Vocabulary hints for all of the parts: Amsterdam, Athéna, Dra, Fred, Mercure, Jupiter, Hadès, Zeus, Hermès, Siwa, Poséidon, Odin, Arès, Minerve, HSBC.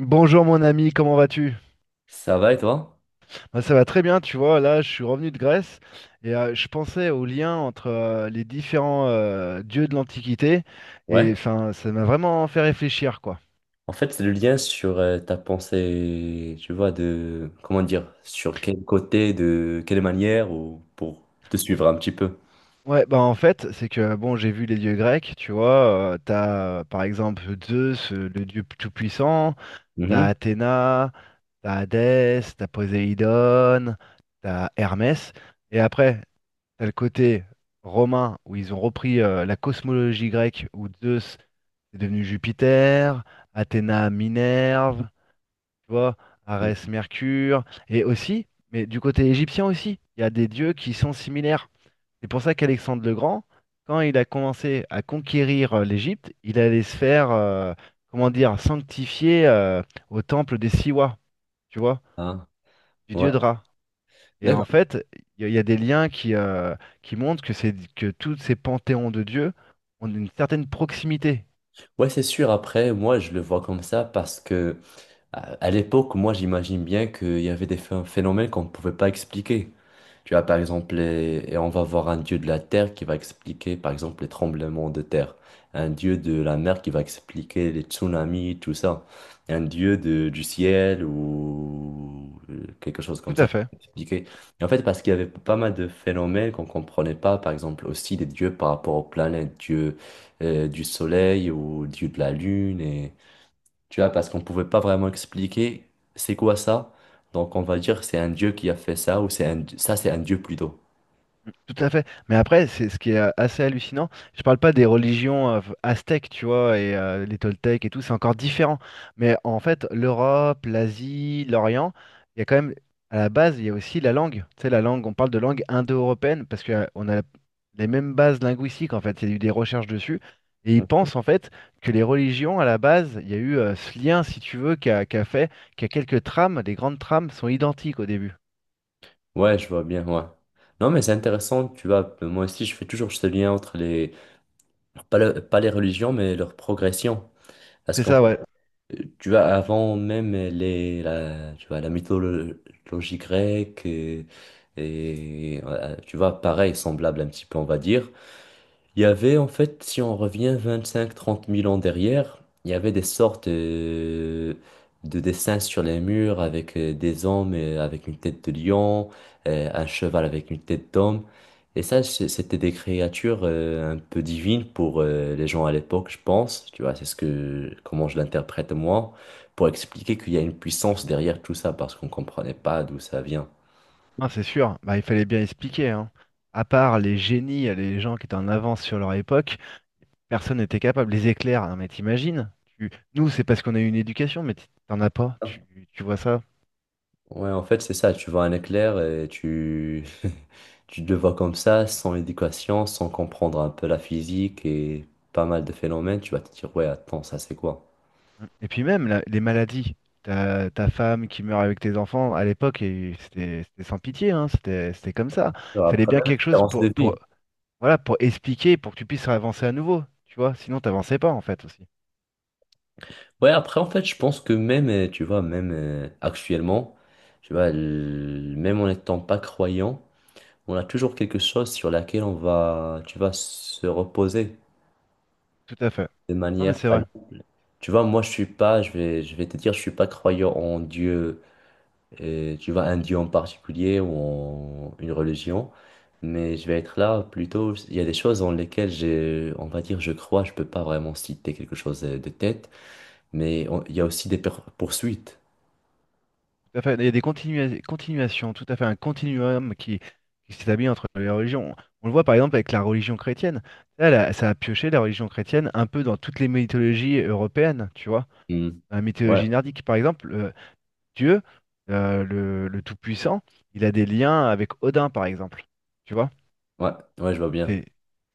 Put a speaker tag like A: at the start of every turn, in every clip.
A: Bonjour mon ami, comment vas-tu?
B: Ça va et toi?
A: Bah, ça va très bien, tu vois, là je suis revenu de Grèce et je pensais au lien entre les différents dieux de l'Antiquité et
B: Ouais.
A: enfin ça m'a vraiment fait réfléchir quoi.
B: En fait, c'est le lien sur ta pensée, tu vois, de, comment dire, sur quel côté, de quelle manière, ou pour te suivre un petit peu.
A: Ouais, bah en fait, c'est que bon, j'ai vu les dieux grecs, tu vois, t'as par exemple Zeus, le dieu tout-puissant, t'as
B: Mhm.
A: Athéna, t'as Hadès, t'as Poséidon, t'as Hermès, et après, t'as le côté romain où ils ont repris la cosmologie grecque où Zeus est devenu Jupiter, Athéna Minerve, tu vois, Arès Mercure, et aussi, mais du côté égyptien aussi, il y a des dieux qui sont similaires. C'est pour ça qu'Alexandre le Grand, quand il a commencé à conquérir l'Égypte, il allait se faire, comment dire, sanctifier au temple des Siwa, tu vois,
B: Ah,
A: du
B: ouais.
A: dieu Dra. Et en
B: D'accord.
A: fait, il y a des liens qui montrent que c'est que tous ces panthéons de dieux ont une certaine proximité.
B: Ouais, c'est sûr. Après, moi, je le vois comme ça parce que à l'époque, moi, j'imagine bien qu'il y avait des phénomènes qu'on ne pouvait pas expliquer. Tu vois, par exemple, et on va voir un dieu de la terre qui va expliquer, par exemple, les tremblements de terre. Un dieu de la mer qui va expliquer les tsunamis, tout ça. Un dieu du ciel ou quelque chose
A: Tout
B: comme
A: à
B: ça qui
A: fait.
B: va expliquer. Et en fait, parce qu'il y avait pas mal de phénomènes qu'on ne comprenait pas, par exemple, aussi des dieux par rapport aux planètes, dieu du soleil ou dieu de la lune. Tu vois, parce qu'on pouvait pas vraiment expliquer c'est quoi ça. Donc on va dire c'est un dieu qui a fait ça ou c'est un ça c'est un dieu plutôt.
A: Tout à fait. Mais après, c'est ce qui est assez hallucinant. Je parle pas des religions aztèques, tu vois, et les Toltèques et tout, c'est encore différent. Mais en fait, l'Europe, l'Asie, l'Orient, il y a quand même, à la base, il y a aussi la langue. Tu sais, la langue, on parle de langue indo-européenne parce que on a les mêmes bases linguistiques, en fait. Il y a eu des recherches dessus. Et ils
B: Mm.
A: pensent, en fait, que les religions, à la base, il y a eu ce lien, si tu veux, qui a fait qu'à quelques trames, les grandes trames sont identiques au début.
B: Ouais, je vois bien, ouais. Non, mais c'est intéressant, tu vois. Moi aussi, je fais toujours ce lien entre les, pas, pas les religions, mais leur progression. Parce
A: C'est
B: qu'en
A: ça,
B: fait,
A: ouais.
B: tu vois, avant même tu vois, la mythologie grecque, et, tu vois, pareil, semblable un petit peu, on va dire. Il y avait en fait, si on revient 25 000 à 30 000 ans derrière, il y avait des sortes de, dessins sur les murs avec des hommes avec une tête de lion, un cheval avec une tête d'homme. Et ça, c'était des créatures un peu divines pour les gens à l'époque, je pense. Tu vois, c'est ce que, comment je l'interprète moi, pour expliquer qu'il y a une puissance derrière tout ça parce qu'on comprenait pas d'où ça vient.
A: Non, c'est sûr, bah, il fallait bien expliquer, hein. À part les génies, les gens qui étaient en avance sur leur époque, personne n'était capable. Les éclairs, non mais t'imagines? Tu... Nous, c'est parce qu'on a eu une éducation, mais t'en as pas, tu vois ça.
B: Ouais, en fait, c'est ça. Tu vois un éclair et tu... tu le vois comme ça, sans éducation, sans comprendre un peu la physique et pas mal de phénomènes. Tu vas te dire, ouais, attends, ça c'est quoi?
A: Et puis même, les maladies. Ta femme qui meurt avec tes enfants, à l'époque, et c'était sans pitié, hein. C'était comme ça.
B: Tu
A: Il
B: vois,
A: fallait
B: après,
A: bien
B: même
A: quelque chose
B: espérance de
A: pour,
B: vie.
A: voilà, pour expliquer, pour que tu puisses avancer à nouveau, tu vois. Sinon, t'avançais pas, en fait, aussi.
B: Ouais, après, en fait, je pense que même, tu vois, même actuellement, tu vois, même en n'étant pas croyant, on a toujours quelque chose sur laquelle on va, tu vas se reposer
A: Tout à fait.
B: de
A: Non, mais
B: manière.
A: c'est vrai.
B: Tu vois, moi, je suis pas, je vais te dire, je suis pas croyant en Dieu tu vois, un dieu en particulier ou une religion, mais je vais être là plutôt, il y a des choses dans lesquelles j'ai, on va dire, je crois, je peux pas vraiment citer quelque chose de tête, mais il y a aussi des poursuites.
A: Tout à fait. Il y a des continuations, tout à fait, un continuum qui s'établit entre les religions. On le voit par exemple avec la religion chrétienne. Là, ça a pioché la religion chrétienne un peu dans toutes les mythologies européennes, tu vois.
B: Hmm.
A: Dans la
B: Ouais,
A: mythologie nordique, par exemple, Dieu, le Tout-Puissant, il a des liens avec Odin, par exemple. Tu vois?
B: ouais, ouais, je vois bien.
A: C'est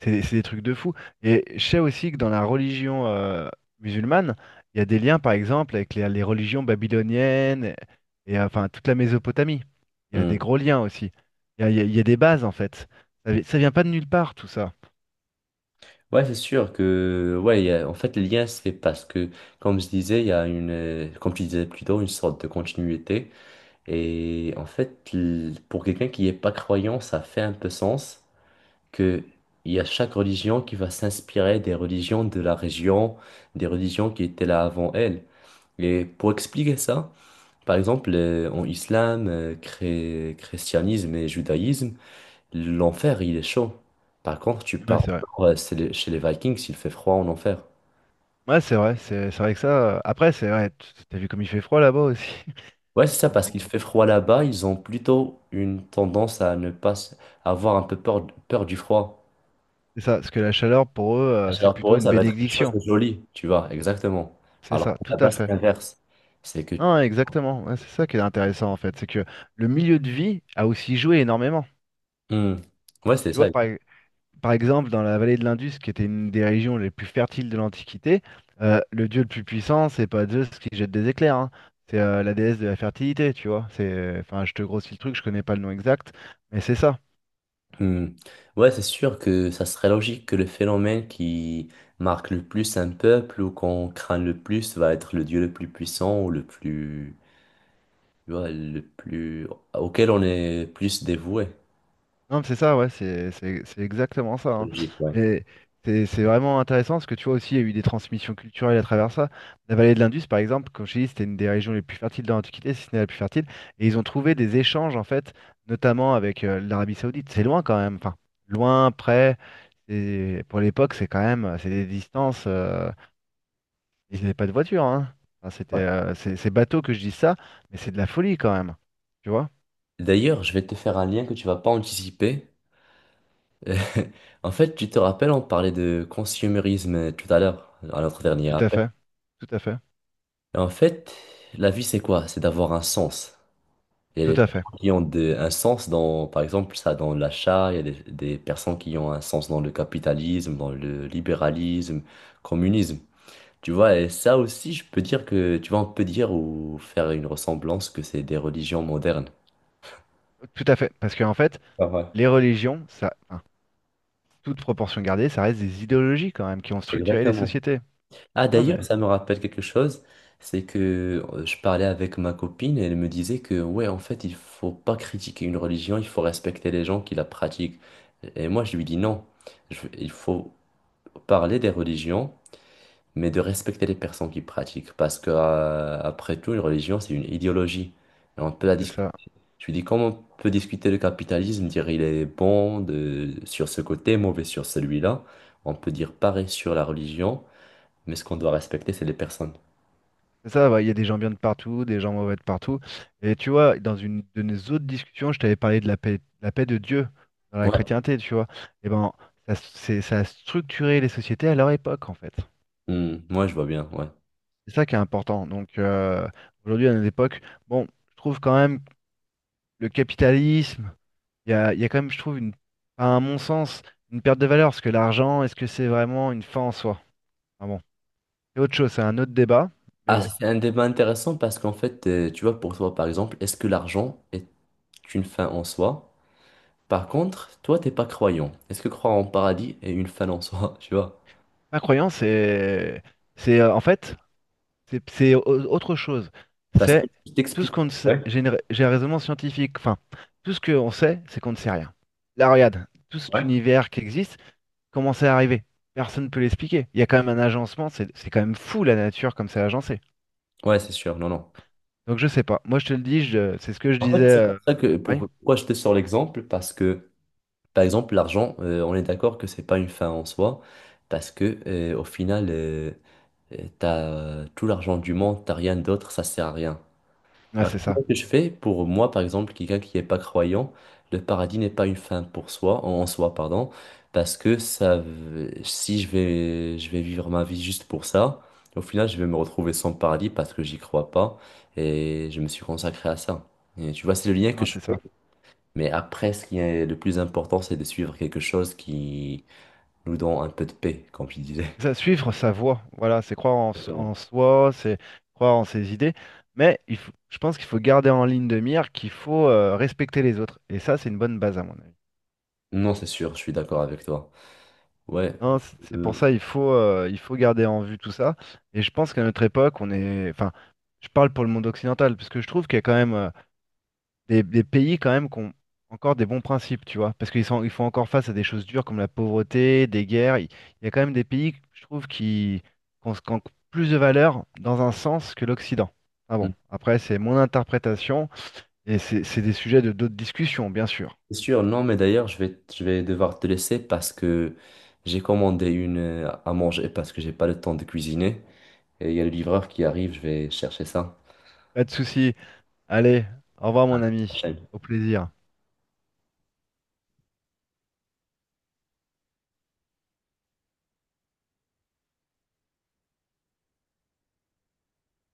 A: c'est des trucs de fou. Et je sais aussi que dans la religion musulmane, il y a des liens, par exemple, avec les religions babyloniennes et, enfin toute la Mésopotamie. Il y a des
B: Hmm.
A: gros liens aussi. Il y a, il y a- il y a des bases, en fait. Ça, ça vient pas de nulle part, tout ça.
B: Ouais, c'est sûr que, ouais, en fait, le lien se fait parce que, comme je disais, il y a une, comme tu disais plutôt, une sorte de continuité. Et en fait, pour quelqu'un qui n'est pas croyant, ça fait un peu sens. Qu'il y a chaque religion qui va s'inspirer des religions de la région, des religions qui étaient là avant elle. Et pour expliquer ça, par exemple, en islam, christianisme et judaïsme, l'enfer, il est chaud. Par contre, tu
A: Ouais,
B: pars au
A: c'est vrai.
B: nord, c'est chez les Vikings, il fait froid en enfer.
A: Ouais, c'est vrai. C'est vrai que ça. Après, c'est vrai. T'as vu comme il fait froid là-bas aussi.
B: Ouais, c'est ça,
A: Donc
B: parce qu'il
A: bon,
B: fait froid là-bas, ils ont plutôt une tendance à ne pas à avoir un peu peur, peur du froid.
A: c'est ça. Parce que la chaleur, pour eux, c'est
B: Alors pour
A: plutôt
B: eux,
A: une
B: ça va être quelque chose
A: bénédiction.
B: de joli, tu vois, exactement.
A: C'est
B: Alors
A: ça,
B: que
A: tout à
B: là-bas, c'est
A: fait.
B: l'inverse. C'est que...
A: Non, exactement. Ouais, c'est ça qui est intéressant en fait, c'est que le milieu de vie a aussi joué énormément.
B: Hmm. Ouais, c'est
A: Tu vois,
B: ça.
A: par exemple, dans la vallée de l'Indus, qui était une des régions les plus fertiles de l'Antiquité, le dieu le plus puissant, c'est pas Zeus qui jette des éclairs, hein. C'est la déesse de la fertilité, tu vois. C'est, enfin, je te grossis le truc, je connais pas le nom exact, mais c'est ça.
B: Hmm. Ouais, c'est sûr que ça serait logique que le phénomène qui marque le plus un peuple ou qu'on craint le plus va être le dieu le plus puissant ou le plus... tu vois, le plus... auquel on est plus dévoué.
A: Non, mais c'est ça, ouais, c'est exactement ça,
B: C'est
A: hein.
B: logique, ouais.
A: Mais c'est vraiment intéressant parce que tu vois aussi, il y a eu des transmissions culturelles à travers ça. La vallée de l'Indus, par exemple, comme je t'ai dit, c'était une des régions les plus fertiles dans l'Antiquité, si ce n'est la plus fertile. Et ils ont trouvé des échanges, en fait, notamment avec l'Arabie Saoudite. C'est loin quand même, enfin, loin, près. Et pour l'époque, c'est quand même, c'est des distances. Ils n'avaient pas de voiture, hein. Enfin, c'était,
B: Ouais.
A: c'est bateau que je dis ça, mais c'est de la folie quand même. Tu vois?
B: D'ailleurs, je vais te faire un lien que tu vas pas anticiper. En fait, tu te rappelles, on parlait de consumérisme tout à l'heure, à notre dernier
A: Tout à
B: appel.
A: fait, tout à fait,
B: Et en fait, la vie, c'est quoi? C'est d'avoir un sens. Il y
A: tout
B: a des
A: à fait.
B: personnes qui ont un sens dans, par exemple, ça dans l'achat, il y a des personnes qui ont un sens dans le capitalisme, dans le libéralisme, communisme. Tu vois, et ça aussi, je peux dire que, tu vois, on peut dire ou faire une ressemblance que c'est des religions modernes.
A: Tout à fait, parce qu'en fait,
B: Ah ouais.
A: les religions, ça, enfin, toute proportion gardée, ça reste des idéologies quand même qui ont structuré les
B: Exactement.
A: sociétés.
B: Ah
A: Non
B: d'ailleurs,
A: mais
B: ça me rappelle quelque chose, c'est que je parlais avec ma copine et elle me disait que ouais, en fait, il faut pas critiquer une religion, il faut respecter les gens qui la pratiquent. Et moi, je lui dis non, il faut parler des religions, mais de respecter les personnes qui pratiquent, parce que après tout, une religion, c'est une idéologie. Et on peut la
A: c'est
B: discuter.
A: ça,
B: Je lui dis comment on peut discuter le capitalisme, dire il est bon sur ce côté, mauvais sur celui-là. On peut dire pareil sur la religion. Mais ce qu'on doit respecter, c'est les personnes.
A: c'est ça, ouais. Il y a des gens bien de partout, des gens mauvais de partout. Et tu vois, dans une de nos autres discussions, je t'avais parlé de la paix de Dieu dans la
B: Ouais.
A: chrétienté, tu vois. Et ben, ça, c'est, ça a structuré les sociétés à leur époque en fait.
B: Hmm, ouais, je vois bien, ouais.
A: C'est ça qui est important. Donc aujourd'hui, à notre époque, bon, je trouve quand même le capitalisme il y a quand même, je trouve, une, à mon sens, une perte de valeur, parce que l'argent, est-ce que c'est vraiment une fin en soi? Ah bon, c'est autre chose, c'est un autre débat, mais
B: Ah,
A: bon.
B: c'est un débat intéressant parce qu'en fait, tu vois, pour toi, par exemple, est-ce que l'argent est une fin en soi? Par contre, toi, t'es pas croyant. Est-ce que croire en paradis est une fin en soi, tu vois?
A: Ma croyance, c'est en fait, c'est autre chose.
B: Parce que
A: C'est
B: je
A: tout
B: t'explique.
A: ce qu'on ne sait, j'ai un raisonnement scientifique, enfin, tout ce qu'on sait, c'est qu'on ne sait rien. Là, regarde, tout cet univers qui existe, comment c'est arrivé? Personne ne peut l'expliquer. Il y a quand même un agencement, c'est quand même fou la nature comme c'est agencé.
B: Ouais, c'est sûr, non, non.
A: Donc je sais pas. Moi je te le dis, c'est ce que je
B: En fait,
A: disais.
B: c'est pour ça que,
A: Oui.
B: pourquoi je te sors l'exemple, parce que, par exemple, l'argent, on est d'accord que c'est pas une fin en soi, parce que, au final, t'as tout l'argent du monde, t'as rien d'autre, ça sert à rien.
A: Ah,
B: Alors,
A: c'est ça.
B: comment que je fais pour moi, par exemple, quelqu'un qui n'est pas croyant, le paradis n'est pas une fin pour soi, en en soi, pardon, parce que ça, si je vais, je vais vivre ma vie juste pour ça, au final, je vais me retrouver sans paradis parce que j'y crois pas et je me suis consacré à ça. Et tu vois, c'est le lien que
A: Ah,
B: je
A: c'est
B: fais.
A: ça.
B: Mais après, ce qui est le plus important, c'est de suivre quelque chose qui nous donne un peu de paix, comme tu disais.
A: C'est ça, suivre sa voie. Voilà, c'est croire en, s-
B: Exactement.
A: en soi, c'est croire en ses idées. Je pense qu'il faut garder en ligne de mire qu'il faut respecter les autres. Et ça, c'est une bonne base à mon avis.
B: Non, c'est sûr, je suis d'accord avec toi. Ouais.
A: Non, c'est pour
B: Euh,
A: ça il faut garder en vue tout ça. Et je pense qu'à notre époque, on est. Enfin, je parle pour le monde occidental, parce que je trouve qu'il y a quand même. Des pays quand même qui ont encore des bons principes, tu vois, parce qu'ils sont, ils font encore face à des choses dures comme la pauvreté, des guerres. Il y a quand même des pays, je trouve, qui ont plus de valeur dans un sens que l'Occident. Ah bon,
B: hmm.
A: après, c'est mon interprétation et c'est des sujets de d'autres discussions, bien sûr.
B: C'est sûr, non, mais d'ailleurs, je vais devoir te laisser parce que j'ai commandé une à manger parce que j'ai pas le temps de cuisiner. Et il y a le livreur qui arrive, je vais chercher ça.
A: Pas de souci. Allez, au revoir, mon ami. Au plaisir.